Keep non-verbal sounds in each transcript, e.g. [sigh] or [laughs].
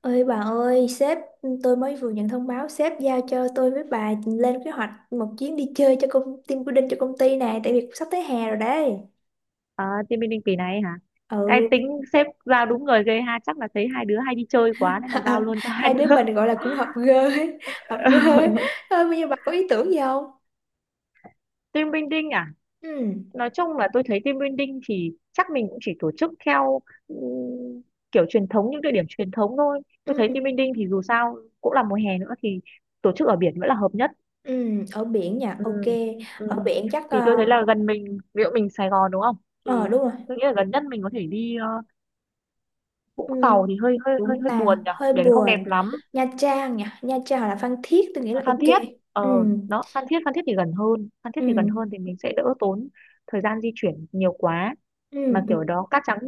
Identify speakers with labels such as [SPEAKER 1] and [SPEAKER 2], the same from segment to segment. [SPEAKER 1] Ơi bà ơi, sếp tôi mới vừa nhận thông báo sếp giao cho tôi với bà lên kế hoạch một chuyến đi chơi cho công team building cho công ty này tại vì sắp tới hè rồi đấy.
[SPEAKER 2] Ờ, team building kỳ này ấy hả?
[SPEAKER 1] Ừ.
[SPEAKER 2] Cái tính sếp giao đúng người ghê ha, chắc là thấy hai đứa hay đi chơi quá nên là giao luôn cho
[SPEAKER 1] [laughs]
[SPEAKER 2] hai
[SPEAKER 1] Hai đứa
[SPEAKER 2] đứa.
[SPEAKER 1] mình gọi là cũng hợp gơ ấy, [laughs] hợp rơ ấy.
[SPEAKER 2] [laughs]
[SPEAKER 1] Thôi bây giờ bà có ý tưởng gì không?
[SPEAKER 2] Team building à?
[SPEAKER 1] Ừ.
[SPEAKER 2] Nói chung là tôi thấy team building thì chắc mình cũng chỉ tổ chức theo ừm, kiểu truyền thống những địa điểm truyền thống thôi. Tôi
[SPEAKER 1] Ừ.
[SPEAKER 2] thấy team building thì dù sao cũng là mùa hè nữa thì tổ chức ở biển vẫn là hợp nhất.
[SPEAKER 1] Ừ, ở biển nha.
[SPEAKER 2] Ừ.
[SPEAKER 1] Ok.
[SPEAKER 2] Ừ.
[SPEAKER 1] Ở biển chắc
[SPEAKER 2] Thì tôi thấy là gần mình, ví dụ mình Sài Gòn đúng không?
[SPEAKER 1] ờ,
[SPEAKER 2] Thì
[SPEAKER 1] đúng rồi.
[SPEAKER 2] tôi nghĩ là gần nhất mình có thể đi Vũng
[SPEAKER 1] Ừ.
[SPEAKER 2] Tàu thì hơi hơi hơi
[SPEAKER 1] Vũng
[SPEAKER 2] hơi
[SPEAKER 1] Tàu
[SPEAKER 2] buồn nhỉ,
[SPEAKER 1] hơi
[SPEAKER 2] biển không đẹp
[SPEAKER 1] buồn.
[SPEAKER 2] lắm.
[SPEAKER 1] Nha Trang nha, Nha Trang hoặc là Phan Thiết tôi nghĩ là
[SPEAKER 2] Phan
[SPEAKER 1] ok.
[SPEAKER 2] Thiết,
[SPEAKER 1] Ừ.
[SPEAKER 2] đó Phan Thiết. Phan Thiết thì gần hơn Phan Thiết thì gần
[SPEAKER 1] Ừ.
[SPEAKER 2] hơn thì mình sẽ đỡ tốn thời gian di chuyển nhiều quá,
[SPEAKER 1] Ừ.
[SPEAKER 2] mà kiểu
[SPEAKER 1] Ừ.
[SPEAKER 2] đó cát trắng,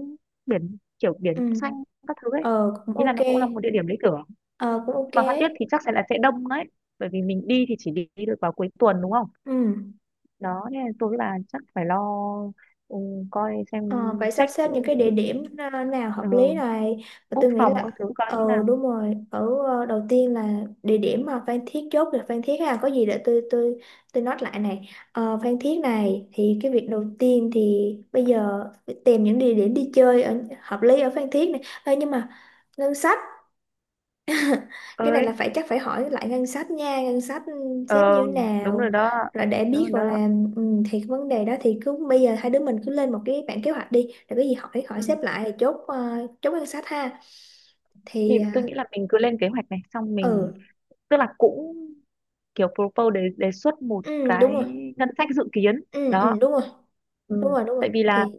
[SPEAKER 2] biển kiểu biển
[SPEAKER 1] Ừ.
[SPEAKER 2] xanh các thứ ấy,
[SPEAKER 1] Ờ cũng
[SPEAKER 2] ý là
[SPEAKER 1] ok.
[SPEAKER 2] nó cũng là một địa điểm lý tưởng.
[SPEAKER 1] Ờ cũng ok.
[SPEAKER 2] Mà Phan Thiết thì chắc sẽ là sẽ đông đấy, bởi vì mình đi thì chỉ đi được vào cuối tuần đúng không,
[SPEAKER 1] Ừ.
[SPEAKER 2] đó nên là tôi là chắc phải lo, ừ, coi xem,
[SPEAKER 1] Ờ, phải sắp
[SPEAKER 2] check,
[SPEAKER 1] xếp những cái địa điểm nào hợp
[SPEAKER 2] ờ,
[SPEAKER 1] lý này. Và
[SPEAKER 2] book
[SPEAKER 1] tôi nghĩ
[SPEAKER 2] phòng các
[SPEAKER 1] là
[SPEAKER 2] thứ coi như
[SPEAKER 1] ờ
[SPEAKER 2] nào.
[SPEAKER 1] đúng rồi, ở đầu tiên là địa điểm mà Phan Thiết chốt được Phan Thiết ha, có gì để tôi note lại này. Ờ, Phan Thiết này thì cái việc đầu tiên thì bây giờ phải tìm những địa điểm đi chơi ở hợp lý ở Phan Thiết này. Ê, nhưng mà ngân sách cái này là
[SPEAKER 2] Ơi,
[SPEAKER 1] phải chắc phải hỏi lại ngân sách nha ngân sách
[SPEAKER 2] ờ
[SPEAKER 1] xếp như thế
[SPEAKER 2] đúng rồi
[SPEAKER 1] nào
[SPEAKER 2] đó.
[SPEAKER 1] rồi để
[SPEAKER 2] Đúng
[SPEAKER 1] biết
[SPEAKER 2] rồi đó.
[SPEAKER 1] gọi là ừ, thì cái vấn đề đó thì cứ bây giờ hai đứa mình cứ lên một cái bản kế hoạch đi rồi cái gì hỏi hỏi
[SPEAKER 2] Ừ.
[SPEAKER 1] xếp lại rồi chốt chốt ngân sách ha
[SPEAKER 2] Thì
[SPEAKER 1] thì
[SPEAKER 2] tôi nghĩ là mình cứ lên kế hoạch này xong
[SPEAKER 1] ờ,
[SPEAKER 2] mình
[SPEAKER 1] ừ
[SPEAKER 2] tức là cũng kiểu propose, đề đề xuất một
[SPEAKER 1] ừ đúng
[SPEAKER 2] cái
[SPEAKER 1] rồi
[SPEAKER 2] ngân sách dự kiến
[SPEAKER 1] ừ ừ
[SPEAKER 2] đó.
[SPEAKER 1] đúng rồi đúng
[SPEAKER 2] Ừ,
[SPEAKER 1] rồi đúng rồi
[SPEAKER 2] tại vì là
[SPEAKER 1] thì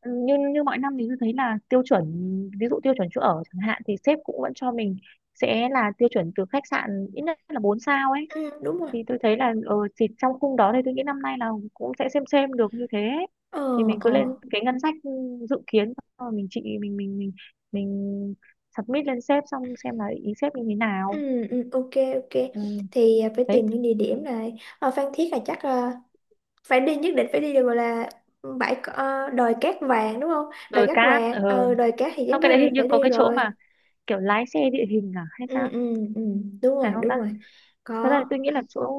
[SPEAKER 2] như như mọi năm thì tôi thấy là tiêu chuẩn, ví dụ tiêu chuẩn chỗ ở chẳng hạn thì sếp cũng vẫn cho mình sẽ là tiêu chuẩn từ khách sạn ít nhất là 4 sao ấy,
[SPEAKER 1] ừ đúng rồi
[SPEAKER 2] thì tôi thấy là thì trong khung đó thì tôi nghĩ năm nay là cũng sẽ xem được như thế ấy.
[SPEAKER 1] ờ
[SPEAKER 2] Thì mình cứ
[SPEAKER 1] ờ
[SPEAKER 2] lên cái ngân sách dự kiến xong rồi mình chị mình submit lên sếp xong xem là ý sếp như thế nào.
[SPEAKER 1] ừ ừ ok ok
[SPEAKER 2] Ừ.
[SPEAKER 1] thì phải
[SPEAKER 2] Đấy,
[SPEAKER 1] tìm những địa điểm này ở Phan Thiết là chắc phải đi nhất định phải đi được gọi là đồi cát vàng đúng không đồi
[SPEAKER 2] đồi
[SPEAKER 1] cát
[SPEAKER 2] cát,
[SPEAKER 1] vàng ờ, đồi cát thì
[SPEAKER 2] xong
[SPEAKER 1] chắc
[SPEAKER 2] cái đấy
[SPEAKER 1] là
[SPEAKER 2] hình như
[SPEAKER 1] phải
[SPEAKER 2] có
[SPEAKER 1] đi
[SPEAKER 2] cái chỗ
[SPEAKER 1] rồi
[SPEAKER 2] mà kiểu lái xe địa hình à hay
[SPEAKER 1] ừ
[SPEAKER 2] sao,
[SPEAKER 1] ừ ừ
[SPEAKER 2] phải không
[SPEAKER 1] đúng
[SPEAKER 2] ta?
[SPEAKER 1] rồi
[SPEAKER 2] Thật ra
[SPEAKER 1] có
[SPEAKER 2] thì tôi nghĩ là chỗ,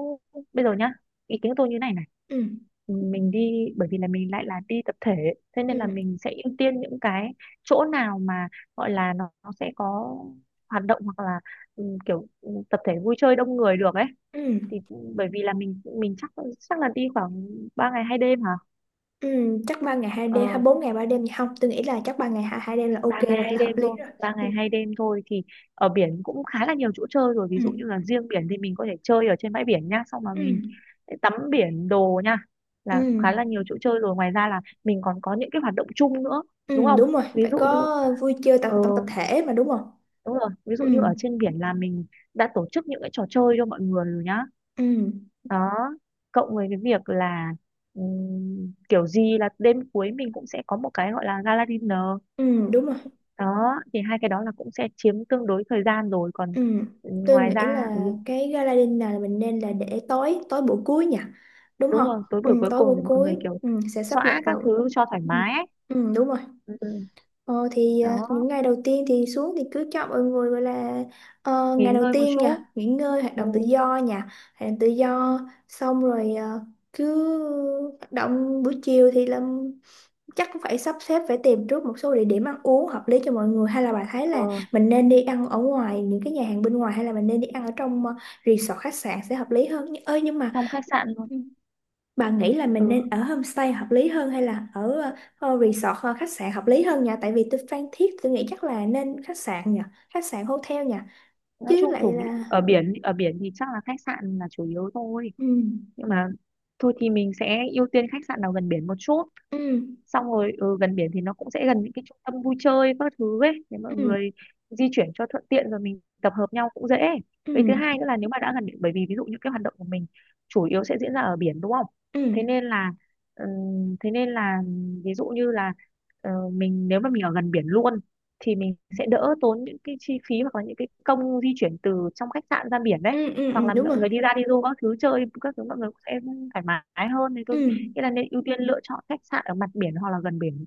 [SPEAKER 2] bây giờ nhá, ý kiến của tôi như này này,
[SPEAKER 1] ừ
[SPEAKER 2] mình đi bởi vì là mình lại là đi tập thể, thế nên là
[SPEAKER 1] ừ
[SPEAKER 2] mình sẽ ưu tiên những cái chỗ nào mà gọi là nó sẽ có hoạt động hoặc là kiểu tập thể vui chơi đông người được ấy,
[SPEAKER 1] ừ
[SPEAKER 2] thì bởi vì là mình chắc, chắc là đi khoảng 3 ngày 2 đêm hả?
[SPEAKER 1] ừ chắc 3 ngày 2 đêm hay
[SPEAKER 2] Ờ,
[SPEAKER 1] 4 ngày 3 đêm gì không tôi nghĩ là chắc ba ngày hai hai đêm là
[SPEAKER 2] ba
[SPEAKER 1] ok
[SPEAKER 2] ngày
[SPEAKER 1] rồi
[SPEAKER 2] hai
[SPEAKER 1] là hợp
[SPEAKER 2] đêm
[SPEAKER 1] lý
[SPEAKER 2] thôi.
[SPEAKER 1] rồi
[SPEAKER 2] Ba ngày hai đêm thôi thì ở biển cũng khá là nhiều chỗ chơi rồi, ví
[SPEAKER 1] ừ
[SPEAKER 2] dụ như là riêng biển thì mình có thể chơi ở trên bãi biển nhá, xong mà
[SPEAKER 1] ừ
[SPEAKER 2] mình tắm biển đồ nha
[SPEAKER 1] ừ
[SPEAKER 2] là
[SPEAKER 1] ừ
[SPEAKER 2] khá là nhiều chỗ chơi rồi, ngoài ra là mình còn có những cái hoạt động chung nữa đúng
[SPEAKER 1] ừ,
[SPEAKER 2] không,
[SPEAKER 1] đúng rồi
[SPEAKER 2] ví
[SPEAKER 1] phải
[SPEAKER 2] dụ như
[SPEAKER 1] có vui chơi tập
[SPEAKER 2] ờ,
[SPEAKER 1] tập tập thể mà đúng không
[SPEAKER 2] đúng rồi, ví dụ
[SPEAKER 1] ừ
[SPEAKER 2] như ở trên biển là mình đã tổ chức những cái trò chơi cho mọi người rồi nhá.
[SPEAKER 1] ừ
[SPEAKER 2] Đó, cộng với cái việc là kiểu gì là đêm cuối mình cũng sẽ có một cái gọi là gala dinner.
[SPEAKER 1] ừ đúng rồi
[SPEAKER 2] Đó thì hai cái đó là cũng sẽ chiếm tương đối thời gian rồi, còn
[SPEAKER 1] Ừ, tôi
[SPEAKER 2] ngoài
[SPEAKER 1] nghĩ
[SPEAKER 2] ra
[SPEAKER 1] là cái gala dinner là mình nên là để tối tối buổi cuối nhỉ đúng
[SPEAKER 2] đúng
[SPEAKER 1] không
[SPEAKER 2] rồi, tối
[SPEAKER 1] ừ,
[SPEAKER 2] buổi cuối
[SPEAKER 1] tối
[SPEAKER 2] cùng để
[SPEAKER 1] buổi
[SPEAKER 2] mọi người
[SPEAKER 1] cuối
[SPEAKER 2] kiểu
[SPEAKER 1] ừ, sẽ sắp lịch
[SPEAKER 2] xõa các
[SPEAKER 1] vào
[SPEAKER 2] thứ cho thoải
[SPEAKER 1] ừ,
[SPEAKER 2] mái ấy.
[SPEAKER 1] ừ, đúng rồi
[SPEAKER 2] Ừ, ừ,
[SPEAKER 1] ờ, thì
[SPEAKER 2] đó
[SPEAKER 1] những ngày đầu tiên thì xuống thì cứ cho mọi người gọi là ờ,
[SPEAKER 2] nghỉ
[SPEAKER 1] ngày đầu
[SPEAKER 2] ngơi một
[SPEAKER 1] tiên nhỉ
[SPEAKER 2] chút.
[SPEAKER 1] nghỉ ngơi hoạt
[SPEAKER 2] Ừ,
[SPEAKER 1] động tự do nhỉ hoạt động tự do xong rồi cứ hoạt động buổi chiều thì làm chắc cũng phải sắp xếp phải tìm trước một số địa điểm ăn uống hợp lý cho mọi người hay là bà thấy
[SPEAKER 2] ờ,
[SPEAKER 1] là mình nên đi ăn ở ngoài những cái nhà hàng bên ngoài hay là mình nên đi ăn ở trong resort khách sạn sẽ hợp lý hơn ơi nhưng mà
[SPEAKER 2] trong khách sạn luôn.
[SPEAKER 1] ừ, bà nghĩ là
[SPEAKER 2] Ừ,
[SPEAKER 1] mình nên ở homestay hợp lý hơn hay là ở resort khách sạn hợp lý hơn nhỉ tại vì tôi Phan Thiết tôi nghĩ chắc là nên khách sạn nhỉ khách sạn hotel nhỉ
[SPEAKER 2] nói
[SPEAKER 1] chứ
[SPEAKER 2] chung
[SPEAKER 1] lại là
[SPEAKER 2] ở biển, ở biển thì chắc là khách sạn là chủ yếu thôi,
[SPEAKER 1] ừ
[SPEAKER 2] nhưng mà thôi thì mình sẽ ưu tiên khách sạn nào gần biển một chút,
[SPEAKER 1] ừ
[SPEAKER 2] xong rồi gần biển thì nó cũng sẽ gần những cái trung tâm vui chơi các thứ ấy để mọi
[SPEAKER 1] ừ
[SPEAKER 2] người di chuyển cho thuận tiện, rồi mình tập hợp nhau cũng dễ.
[SPEAKER 1] ừ
[SPEAKER 2] Với thứ hai nữa là nếu mà đã gần biển, bởi vì ví dụ những cái hoạt động của mình chủ yếu sẽ diễn ra ở biển đúng không,
[SPEAKER 1] ừ
[SPEAKER 2] thế nên là thế nên là ví dụ như là mình nếu mà mình ở gần biển luôn thì mình sẽ đỡ tốn những cái chi phí hoặc là những cái công di chuyển từ trong khách sạn ra biển đấy,
[SPEAKER 1] ừ ừ, ừ,
[SPEAKER 2] hoặc
[SPEAKER 1] ừ,
[SPEAKER 2] là
[SPEAKER 1] đúng
[SPEAKER 2] mọi
[SPEAKER 1] rồi
[SPEAKER 2] người đi ra đi du các thứ chơi các thứ mọi người cũng sẽ thoải mái hơn, thì tôi
[SPEAKER 1] ừ
[SPEAKER 2] nghĩa là nên ưu tiên lựa chọn khách sạn ở mặt biển hoặc là gần biển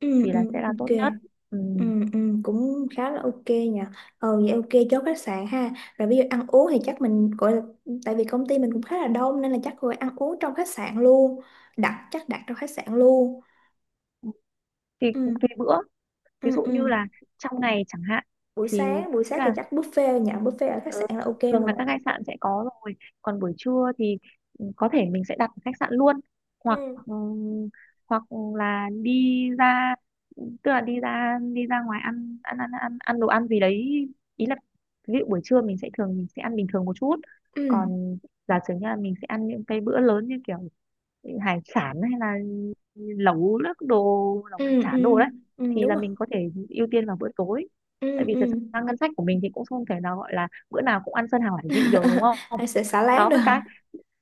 [SPEAKER 1] ừ
[SPEAKER 2] thì là
[SPEAKER 1] ừ
[SPEAKER 2] sẽ là tốt
[SPEAKER 1] ok
[SPEAKER 2] nhất. Ừ.
[SPEAKER 1] Ừ, ừ, cũng khá là ok nhỉ ờ vậy ok chốt khách sạn ha rồi ví dụ ăn uống thì chắc mình gọi là tại vì công ty mình cũng khá là đông nên là chắc gọi ăn uống trong khách sạn luôn đặt chắc đặt trong khách sạn luôn
[SPEAKER 2] Thì cũng tùy
[SPEAKER 1] ừ,
[SPEAKER 2] bữa, ví
[SPEAKER 1] ừ,
[SPEAKER 2] dụ
[SPEAKER 1] ừ.
[SPEAKER 2] như là trong ngày chẳng hạn
[SPEAKER 1] buổi
[SPEAKER 2] thì
[SPEAKER 1] sáng
[SPEAKER 2] tôi
[SPEAKER 1] buổi
[SPEAKER 2] nghĩ
[SPEAKER 1] sáng thì
[SPEAKER 2] là
[SPEAKER 1] chắc buffet nhỉ buffet ở khách
[SPEAKER 2] ừ,
[SPEAKER 1] sạn là ok
[SPEAKER 2] thường là
[SPEAKER 1] rồi
[SPEAKER 2] các khách sạn sẽ có rồi, còn buổi trưa thì có thể mình sẽ đặt ở khách sạn luôn
[SPEAKER 1] ừ,
[SPEAKER 2] hoặc ừ, hoặc là đi ra, tức là đi ra ngoài ăn ăn ăn ăn ăn đồ ăn gì đấy, ý là ví dụ buổi trưa mình sẽ ăn bình thường một chút,
[SPEAKER 1] ừ,
[SPEAKER 2] còn giả sử như là mình sẽ ăn những cái bữa lớn như kiểu hải sản hay là lẩu nước đồ, lẩu hải
[SPEAKER 1] ừ,
[SPEAKER 2] sản đồ
[SPEAKER 1] ừ,
[SPEAKER 2] đấy,
[SPEAKER 1] ừ,
[SPEAKER 2] thì
[SPEAKER 1] đúng
[SPEAKER 2] là
[SPEAKER 1] rồi
[SPEAKER 2] mình có thể ưu tiên vào bữa tối. Tại
[SPEAKER 1] ừ,
[SPEAKER 2] vì thật
[SPEAKER 1] ừ.
[SPEAKER 2] ra ngân sách của mình thì cũng không thể nào gọi là bữa nào cũng ăn sơn hào hải vị được đúng
[SPEAKER 1] [laughs]
[SPEAKER 2] không,
[SPEAKER 1] hay sẽ xả láng
[SPEAKER 2] đó
[SPEAKER 1] được
[SPEAKER 2] với cái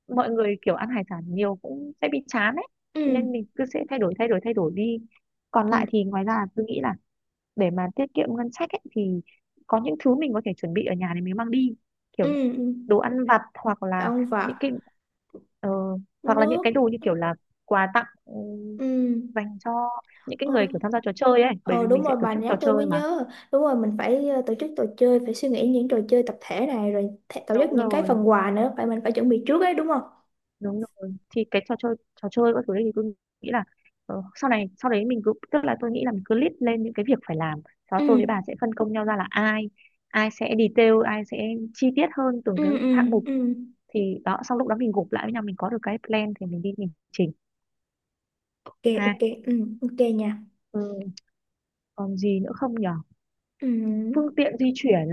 [SPEAKER 2] mọi người kiểu ăn hải sản nhiều cũng sẽ bị chán ấy. Cho nên
[SPEAKER 1] ừ,
[SPEAKER 2] mình cứ sẽ thay đổi đi. Còn
[SPEAKER 1] ừ,
[SPEAKER 2] lại thì ngoài ra tôi nghĩ là để mà tiết kiệm ngân sách ấy, thì có những thứ mình có thể chuẩn bị ở nhà để mình mang đi,
[SPEAKER 1] ừ,
[SPEAKER 2] kiểu
[SPEAKER 1] ừ.
[SPEAKER 2] đồ ăn vặt hoặc là
[SPEAKER 1] động vật
[SPEAKER 2] những cái ờ, hoặc là những cái
[SPEAKER 1] nước
[SPEAKER 2] đồ như kiểu là quà tặng
[SPEAKER 1] ừ.
[SPEAKER 2] dành cho những cái
[SPEAKER 1] Ôi,
[SPEAKER 2] người kiểu tham gia trò chơi ấy, bởi
[SPEAKER 1] Ờ
[SPEAKER 2] vì
[SPEAKER 1] đúng
[SPEAKER 2] mình sẽ
[SPEAKER 1] rồi
[SPEAKER 2] tổ
[SPEAKER 1] bà
[SPEAKER 2] chức trò
[SPEAKER 1] nhắc tôi mới
[SPEAKER 2] chơi mà.
[SPEAKER 1] nhớ. Đúng rồi mình phải tổ chức trò chơi. Phải suy nghĩ những trò chơi tập thể này. Rồi tổ chức
[SPEAKER 2] đúng
[SPEAKER 1] những cái
[SPEAKER 2] rồi
[SPEAKER 1] phần quà nữa. Mình phải chuẩn bị trước đấy đúng không
[SPEAKER 2] đúng rồi thì cái trò chơi, trò chơi các thứ đấy thì tôi nghĩ là sau này sau đấy mình cứ, tức là tôi nghĩ là mình cứ list lên những cái việc phải làm, sau
[SPEAKER 1] ừ
[SPEAKER 2] đó tôi với bà sẽ phân công nhau ra là ai, ai sẽ detail, ai sẽ chi tiết hơn từng
[SPEAKER 1] ừ
[SPEAKER 2] cái
[SPEAKER 1] ừ
[SPEAKER 2] hạng mục,
[SPEAKER 1] ừ
[SPEAKER 2] thì đó sau lúc đó mình gộp lại với nhau mình có được cái plan thì mình đi mình chỉnh
[SPEAKER 1] ok
[SPEAKER 2] ha.
[SPEAKER 1] ok ừ ok nha
[SPEAKER 2] Ừ, còn gì nữa không nhở?
[SPEAKER 1] Ừ
[SPEAKER 2] Phương tiện di chuyển.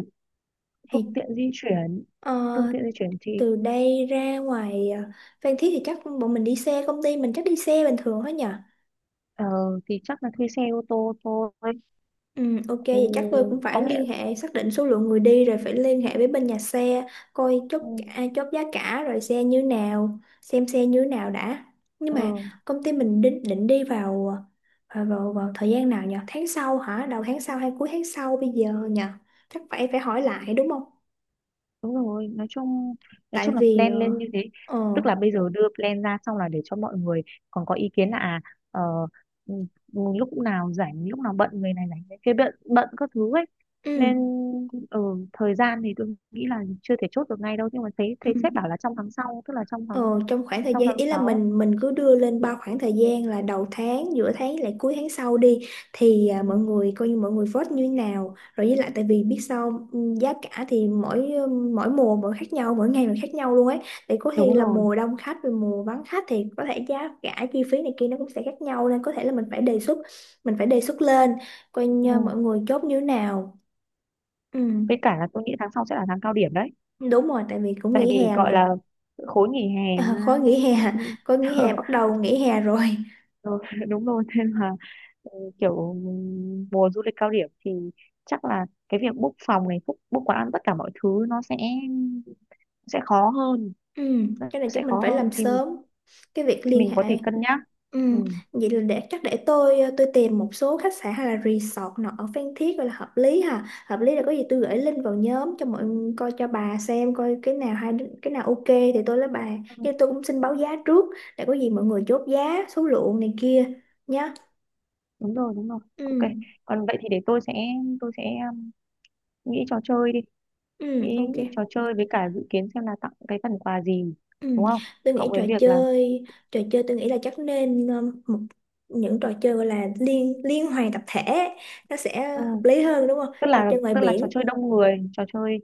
[SPEAKER 1] thì
[SPEAKER 2] phương tiện di chuyển
[SPEAKER 1] ờ,
[SPEAKER 2] phương tiện di chuyển thì
[SPEAKER 1] từ đây ra ngoài Phan Thiết thì chắc bọn mình đi xe. Công ty mình chắc đi xe bình thường hết nhỉ.
[SPEAKER 2] ờ, thì chắc là thuê xe ô tô thôi.
[SPEAKER 1] Ừ, ok
[SPEAKER 2] Ừ,
[SPEAKER 1] vậy chắc tôi cũng
[SPEAKER 2] có
[SPEAKER 1] phải
[SPEAKER 2] nghĩa,
[SPEAKER 1] liên hệ xác định số lượng người đi rồi phải liên hệ với bên nhà xe coi chốt
[SPEAKER 2] ừ,
[SPEAKER 1] chốt giá cả rồi xe như nào xem xe như nào đã nhưng mà
[SPEAKER 2] ờ,
[SPEAKER 1] công ty mình định định đi vào vào thời gian nào nhỉ tháng sau hả đầu tháng sau hay cuối tháng sau bây giờ nhỉ chắc phải phải hỏi lại đúng không
[SPEAKER 2] đúng rồi, nói chung, nói
[SPEAKER 1] tại
[SPEAKER 2] chung là
[SPEAKER 1] vì
[SPEAKER 2] plan
[SPEAKER 1] ờ
[SPEAKER 2] lên như thế,
[SPEAKER 1] ờ,
[SPEAKER 2] tức là bây giờ đưa plan ra xong là để cho mọi người còn có ý kiến là à, ờ, ừ, lúc nào rảnh, lúc nào bận, người này rảnh, người kia bận bận các thứ ấy.
[SPEAKER 1] ừ,
[SPEAKER 2] Nên ở thời gian thì tôi nghĩ là chưa thể chốt được ngay đâu, nhưng mà thấy
[SPEAKER 1] ừ.
[SPEAKER 2] thấy sếp bảo là trong tháng sau, tức là trong
[SPEAKER 1] Ờ,
[SPEAKER 2] tháng,
[SPEAKER 1] trong khoảng thời
[SPEAKER 2] trong
[SPEAKER 1] gian
[SPEAKER 2] tháng
[SPEAKER 1] ý là
[SPEAKER 2] sáu
[SPEAKER 1] mình cứ đưa lên bao khoảng thời gian là đầu tháng, giữa tháng lại cuối tháng sau đi thì
[SPEAKER 2] Ừ,
[SPEAKER 1] mọi người coi như mọi người vote như thế nào. Rồi với lại tại vì biết sao giá cả thì mỗi mỗi mùa mỗi khác nhau, mỗi ngày mỗi khác nhau luôn ấy. Thì có khi
[SPEAKER 2] đúng
[SPEAKER 1] là
[SPEAKER 2] rồi.
[SPEAKER 1] mùa đông khách rồi mùa vắng khách thì có thể giá cả chi phí này kia nó cũng sẽ khác nhau nên có thể là mình phải đề xuất mình phải đề xuất lên coi
[SPEAKER 2] Ừ.
[SPEAKER 1] như mọi người chốt như thế nào. Ừ,
[SPEAKER 2] Với cả là tôi nghĩ tháng sau sẽ là tháng cao điểm đấy,
[SPEAKER 1] đúng rồi tại vì cũng
[SPEAKER 2] tại vì
[SPEAKER 1] nghỉ hè
[SPEAKER 2] gọi
[SPEAKER 1] mà.
[SPEAKER 2] là
[SPEAKER 1] [laughs]
[SPEAKER 2] khối nghỉ hè
[SPEAKER 1] À, khối nghỉ hè bắt
[SPEAKER 2] [laughs]
[SPEAKER 1] đầu nghỉ hè rồi.
[SPEAKER 2] Ừ, [laughs] đúng rồi nên là kiểu mùa du lịch cao điểm thì chắc là cái việc book phòng này, book quán ăn tất cả mọi thứ nó sẽ khó hơn,
[SPEAKER 1] Ừ,
[SPEAKER 2] nó
[SPEAKER 1] cái này
[SPEAKER 2] sẽ
[SPEAKER 1] chắc mình
[SPEAKER 2] khó
[SPEAKER 1] phải
[SPEAKER 2] hơn
[SPEAKER 1] làm
[SPEAKER 2] thì
[SPEAKER 1] sớm cái việc
[SPEAKER 2] thì
[SPEAKER 1] liên
[SPEAKER 2] mình có
[SPEAKER 1] hệ.
[SPEAKER 2] thể cân nhắc.
[SPEAKER 1] Ừ,
[SPEAKER 2] Ừ.
[SPEAKER 1] vậy là để chắc để tôi tìm một số khách sạn hay là resort nào ở Phan Thiết gọi là hợp lý ha. Hợp lý là có gì tôi gửi link vào nhóm cho mọi người coi cho bà xem coi cái nào hay cái nào ok thì tôi lấy bà.
[SPEAKER 2] Ừ,
[SPEAKER 1] Nhưng tôi cũng xin báo giá trước để có gì mọi người chốt giá, số lượng này kia nhá.
[SPEAKER 2] đúng rồi
[SPEAKER 1] Ừ,
[SPEAKER 2] ok. Còn vậy thì để tôi sẽ, tôi sẽ um, nghĩ trò chơi đi,
[SPEAKER 1] ừ,
[SPEAKER 2] nghĩ
[SPEAKER 1] ok.
[SPEAKER 2] trò chơi với cả dự kiến xem là tặng cái phần quà gì,
[SPEAKER 1] Ừ.
[SPEAKER 2] đúng không,
[SPEAKER 1] Tôi
[SPEAKER 2] cộng
[SPEAKER 1] nghĩ
[SPEAKER 2] với việc là
[SPEAKER 1] trò chơi tôi nghĩ là chắc nên một những trò chơi gọi là liên liên hoàn tập thể nó sẽ
[SPEAKER 2] ừ.
[SPEAKER 1] hợp lý hơn đúng không?
[SPEAKER 2] tức
[SPEAKER 1] Trò
[SPEAKER 2] là
[SPEAKER 1] chơi ngoài
[SPEAKER 2] tức là trò
[SPEAKER 1] biển.
[SPEAKER 2] chơi đông người, trò chơi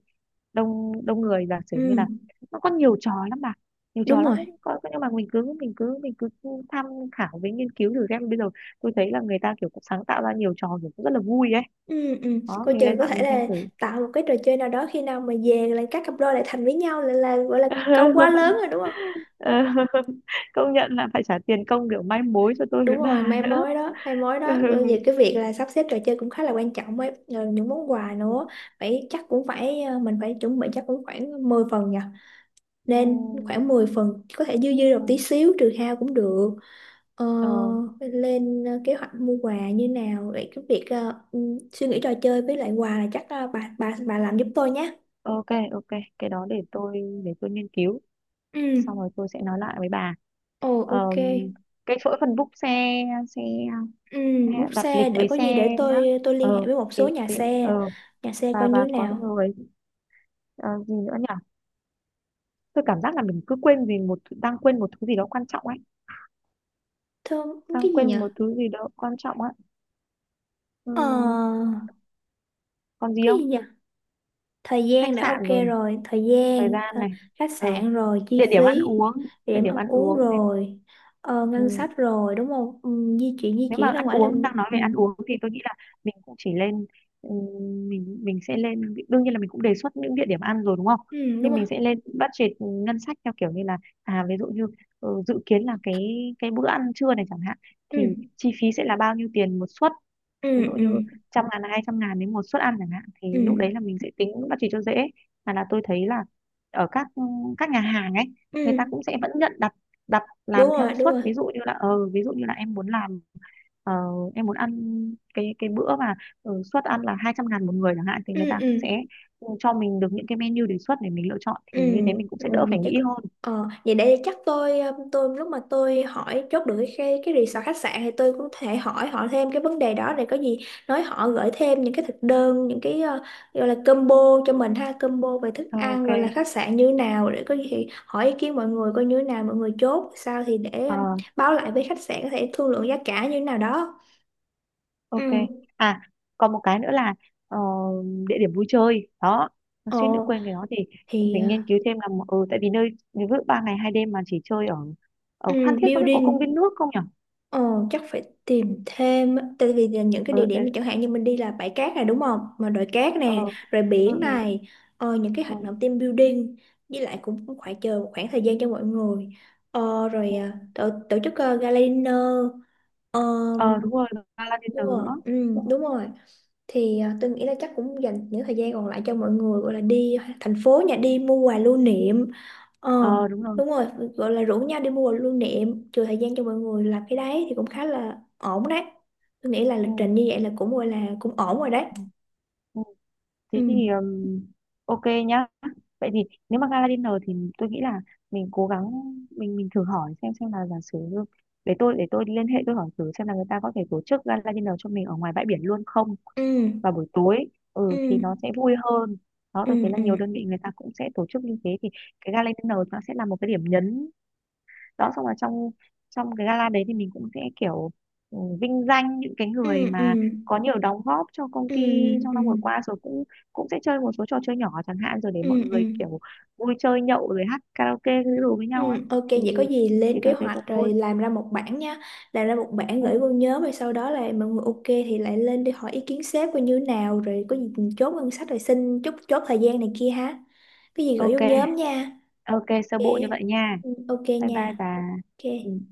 [SPEAKER 2] đông đông người, giả sử như là
[SPEAKER 1] Ừ.
[SPEAKER 2] nó có nhiều trò lắm bà, nhiều trò
[SPEAKER 1] Đúng
[SPEAKER 2] lắm ấy.
[SPEAKER 1] rồi.
[SPEAKER 2] Có, nhưng mà mình cứ tham khảo với nghiên cứu thử xem bây giờ tôi thấy là người ta kiểu cũng sáng tạo ra nhiều trò kiểu cũng rất là vui ấy.
[SPEAKER 1] Ừ, ừ.
[SPEAKER 2] Đó
[SPEAKER 1] Cô
[SPEAKER 2] mình
[SPEAKER 1] trường
[SPEAKER 2] lên
[SPEAKER 1] có
[SPEAKER 2] mạng
[SPEAKER 1] thể
[SPEAKER 2] mình xem
[SPEAKER 1] là
[SPEAKER 2] thử.
[SPEAKER 1] tạo một cái trò chơi nào đó khi nào mà về là các cặp đôi lại thành với nhau là gọi là câu quá lớn rồi
[SPEAKER 2] [laughs]
[SPEAKER 1] đúng không?
[SPEAKER 2] Ờ, [laughs] công nhận là phải trả tiền công kiểu mai mối cho tôi
[SPEAKER 1] Đúng
[SPEAKER 2] với
[SPEAKER 1] rồi,
[SPEAKER 2] bà
[SPEAKER 1] mai
[SPEAKER 2] nữa.
[SPEAKER 1] mối đó, mai mối
[SPEAKER 2] [laughs] Ừ.
[SPEAKER 1] đó. Rồi về cái việc là sắp xếp trò chơi cũng khá là quan trọng ấy. Rồi những món quà nữa, phải chắc cũng phải mình phải chuẩn bị chắc cũng khoảng 10 phần nhỉ?
[SPEAKER 2] Ừ.
[SPEAKER 1] Nên khoảng 10 phần có thể dư dư được
[SPEAKER 2] Ừ.
[SPEAKER 1] tí xíu trừ hao cũng được ờ,
[SPEAKER 2] Ờ,
[SPEAKER 1] lên kế hoạch mua quà như nào vậy cái việc suy nghĩ trò chơi với lại quà là chắc bà làm giúp tôi nhé
[SPEAKER 2] ok, ok, cái đó để tôi, để tôi nghiên cứu xong
[SPEAKER 1] ừ
[SPEAKER 2] rồi tôi sẽ nói lại với bà.
[SPEAKER 1] ồ ok
[SPEAKER 2] Ờ, cái chỗ phần book xe, xe
[SPEAKER 1] ừ
[SPEAKER 2] hay
[SPEAKER 1] bút
[SPEAKER 2] là đặt lịch
[SPEAKER 1] xe để
[SPEAKER 2] với
[SPEAKER 1] có
[SPEAKER 2] xe.
[SPEAKER 1] gì để
[SPEAKER 2] Á
[SPEAKER 1] tôi liên hệ
[SPEAKER 2] ờ
[SPEAKER 1] với một
[SPEAKER 2] thì,
[SPEAKER 1] số
[SPEAKER 2] thì, ờ
[SPEAKER 1] nhà xe coi như
[SPEAKER 2] và
[SPEAKER 1] thế
[SPEAKER 2] có
[SPEAKER 1] nào
[SPEAKER 2] người, ờ, gì nữa nhỉ, tôi cảm giác là mình cứ quên vì đang quên một thứ gì đó quan trọng ấy.
[SPEAKER 1] thơm
[SPEAKER 2] Đang
[SPEAKER 1] cái gì nhỉ
[SPEAKER 2] quên một thứ gì đó quan trọng á.
[SPEAKER 1] ờ
[SPEAKER 2] Ừm, còn gì
[SPEAKER 1] cái gì
[SPEAKER 2] không?
[SPEAKER 1] nhỉ thời gian
[SPEAKER 2] Khách
[SPEAKER 1] đã ok
[SPEAKER 2] sạn rồi này,
[SPEAKER 1] rồi thời
[SPEAKER 2] thời
[SPEAKER 1] gian
[SPEAKER 2] gian này,
[SPEAKER 1] khách
[SPEAKER 2] ờ
[SPEAKER 1] sạn rồi chi
[SPEAKER 2] địa điểm ăn
[SPEAKER 1] phí
[SPEAKER 2] uống, địa
[SPEAKER 1] điểm
[SPEAKER 2] điểm
[SPEAKER 1] ăn
[SPEAKER 2] ăn
[SPEAKER 1] uống
[SPEAKER 2] uống này.
[SPEAKER 1] rồi ngân sách rồi đúng không ừ, di
[SPEAKER 2] Nếu
[SPEAKER 1] chuyển
[SPEAKER 2] mà
[SPEAKER 1] ra
[SPEAKER 2] ăn
[SPEAKER 1] ngoài
[SPEAKER 2] uống, đang nói
[SPEAKER 1] ừ.
[SPEAKER 2] về ăn uống thì tôi nghĩ là mình cũng chỉ lên, mình sẽ lên, đương nhiên là mình cũng đề xuất những địa điểm ăn rồi đúng không,
[SPEAKER 1] ừ đúng
[SPEAKER 2] nhưng
[SPEAKER 1] rồi
[SPEAKER 2] mình sẽ lên budget ngân sách theo kiểu như là à ví dụ như dự kiến là cái bữa ăn trưa này chẳng hạn thì
[SPEAKER 1] ừ
[SPEAKER 2] chi phí sẽ là bao nhiêu tiền một suất,
[SPEAKER 1] ừ
[SPEAKER 2] ví dụ
[SPEAKER 1] ừ
[SPEAKER 2] như 100 ngàn, 200 ngàn đến một suất ăn chẳng hạn thì
[SPEAKER 1] ừ
[SPEAKER 2] lúc đấy là mình sẽ tính budget cho dễ. Mà là tôi thấy là ở các nhà hàng ấy người
[SPEAKER 1] ừ
[SPEAKER 2] ta cũng sẽ vẫn nhận đặt, đặt làm theo
[SPEAKER 1] đúng
[SPEAKER 2] suất,
[SPEAKER 1] rồi
[SPEAKER 2] ví dụ như là ví dụ như là em muốn làm, ờ, em muốn ăn cái bữa mà suất ăn là 200 ngàn một người chẳng hạn thì người
[SPEAKER 1] ừ
[SPEAKER 2] ta
[SPEAKER 1] ừ
[SPEAKER 2] cũng sẽ cho mình được những cái menu đề xuất để mình lựa chọn
[SPEAKER 1] Ừ,
[SPEAKER 2] thì như thế mình cũng
[SPEAKER 1] ừ,
[SPEAKER 2] sẽ đỡ
[SPEAKER 1] vậy
[SPEAKER 2] phải
[SPEAKER 1] chắc
[SPEAKER 2] nghĩ hơn.
[SPEAKER 1] vậy để chắc tôi tôi lúc mà tôi hỏi chốt được cái resort khách sạn thì tôi cũng thể hỏi họ thêm cái vấn đề đó để có gì nói họ gửi thêm những cái thực đơn những cái gọi là combo cho mình ha combo về thức ăn
[SPEAKER 2] Ok.
[SPEAKER 1] gọi là khách sạn như nào để có gì thì hỏi ý kiến mọi người coi như thế nào mọi người chốt sao thì để
[SPEAKER 2] Ờ,
[SPEAKER 1] báo lại với khách sạn có thể thương lượng giá cả như thế nào đó.
[SPEAKER 2] ok.
[SPEAKER 1] Ừ.
[SPEAKER 2] À còn một cái nữa là ờ, địa điểm vui chơi đó, nó suýt nữa
[SPEAKER 1] Ồ
[SPEAKER 2] quên cái đó thì
[SPEAKER 1] thì
[SPEAKER 2] phải nghiên cứu thêm là ừ, tại vì nơi ví dụ 3 ngày 2 đêm mà chỉ chơi ở,
[SPEAKER 1] ừ,
[SPEAKER 2] ở Phan Thiết không biết có
[SPEAKER 1] building.
[SPEAKER 2] công viên nước không nhỉ.
[SPEAKER 1] Ờ, chắc phải tìm thêm á. Tại vì là những cái
[SPEAKER 2] ờ
[SPEAKER 1] địa điểm mà chẳng hạn như mình đi là bãi cát này đúng không mà đồi cát
[SPEAKER 2] ờ
[SPEAKER 1] nè rồi
[SPEAKER 2] ờ ừ,
[SPEAKER 1] biển này những cái
[SPEAKER 2] ừ,
[SPEAKER 1] hoạt động team building với lại cũng, cũng phải chờ một khoảng thời gian cho mọi người rồi
[SPEAKER 2] ừ.
[SPEAKER 1] tổ chức gala dinner.
[SPEAKER 2] Ờ, đúng rồi, gala
[SPEAKER 1] Đúng
[SPEAKER 2] dinner
[SPEAKER 1] rồi,
[SPEAKER 2] nữa.
[SPEAKER 1] ừ, đúng rồi. Thì tôi nghĩ là chắc cũng dành những thời gian còn lại cho mọi người gọi là đi thành phố nhà đi mua quà lưu niệm. Ờ,
[SPEAKER 2] Ờ đúng rồi.
[SPEAKER 1] đúng rồi, gọi là rủ nhau đi mua quà lưu niệm, trừ thời gian cho mọi người làm cái đấy thì cũng khá là ổn đấy. Tôi nghĩ là lịch
[SPEAKER 2] Ừ.
[SPEAKER 1] trình như vậy là cũng gọi là cũng ổn rồi đấy.
[SPEAKER 2] Ừ.
[SPEAKER 1] Ừ,
[SPEAKER 2] Thế thì ok nhá. Vậy thì nếu mà gala dinner thì tôi nghĩ là mình cố gắng, mình thử hỏi xem là giả sử như- để tôi, để tôi liên hệ tôi hỏi thử xem là người ta có thể tổ chức gala dinner cho mình ở ngoài bãi biển luôn không,
[SPEAKER 1] ừ,
[SPEAKER 2] vào buổi tối,
[SPEAKER 1] ừ,
[SPEAKER 2] ừ thì nó sẽ vui hơn. Đó
[SPEAKER 1] ừ,
[SPEAKER 2] tôi thấy là
[SPEAKER 1] ừ,
[SPEAKER 2] nhiều đơn vị người ta cũng sẽ tổ chức như thế, thì cái gala dinner nó sẽ là một cái điểm nhấn. Đó xong rồi trong trong cái gala đấy thì mình cũng sẽ kiểu vinh danh những cái
[SPEAKER 1] ừ,
[SPEAKER 2] người
[SPEAKER 1] ừ,
[SPEAKER 2] mà
[SPEAKER 1] ừ,
[SPEAKER 2] có nhiều đóng góp cho công
[SPEAKER 1] ừ,
[SPEAKER 2] ty trong
[SPEAKER 1] ừ,
[SPEAKER 2] năm vừa qua, rồi cũng, cũng sẽ chơi một số trò chơi nhỏ chẳng hạn, rồi để mọi
[SPEAKER 1] ừ.
[SPEAKER 2] người
[SPEAKER 1] ừ.
[SPEAKER 2] kiểu vui chơi nhậu rồi hát karaoke cái đồ với
[SPEAKER 1] Ừ,
[SPEAKER 2] nhau á,
[SPEAKER 1] ok
[SPEAKER 2] thì
[SPEAKER 1] vậy có gì lên
[SPEAKER 2] thì
[SPEAKER 1] kế
[SPEAKER 2] tôi thấy
[SPEAKER 1] hoạch
[SPEAKER 2] cũng vui.
[SPEAKER 1] rồi làm ra một bản nha làm ra một bản
[SPEAKER 2] Ừ.
[SPEAKER 1] gửi vô nhóm rồi sau đó là mọi người ok thì lại lên đi hỏi ý kiến sếp coi như thế nào rồi có gì chốt ngân sách rồi xin chốt chốt thời gian này kia ha cái gì gửi vô
[SPEAKER 2] Ok.
[SPEAKER 1] nhóm nha
[SPEAKER 2] Ok sơ
[SPEAKER 1] ok
[SPEAKER 2] bộ như vậy nha.
[SPEAKER 1] ừ, ok
[SPEAKER 2] Bye bye
[SPEAKER 1] nha
[SPEAKER 2] bà. Ừ.
[SPEAKER 1] ok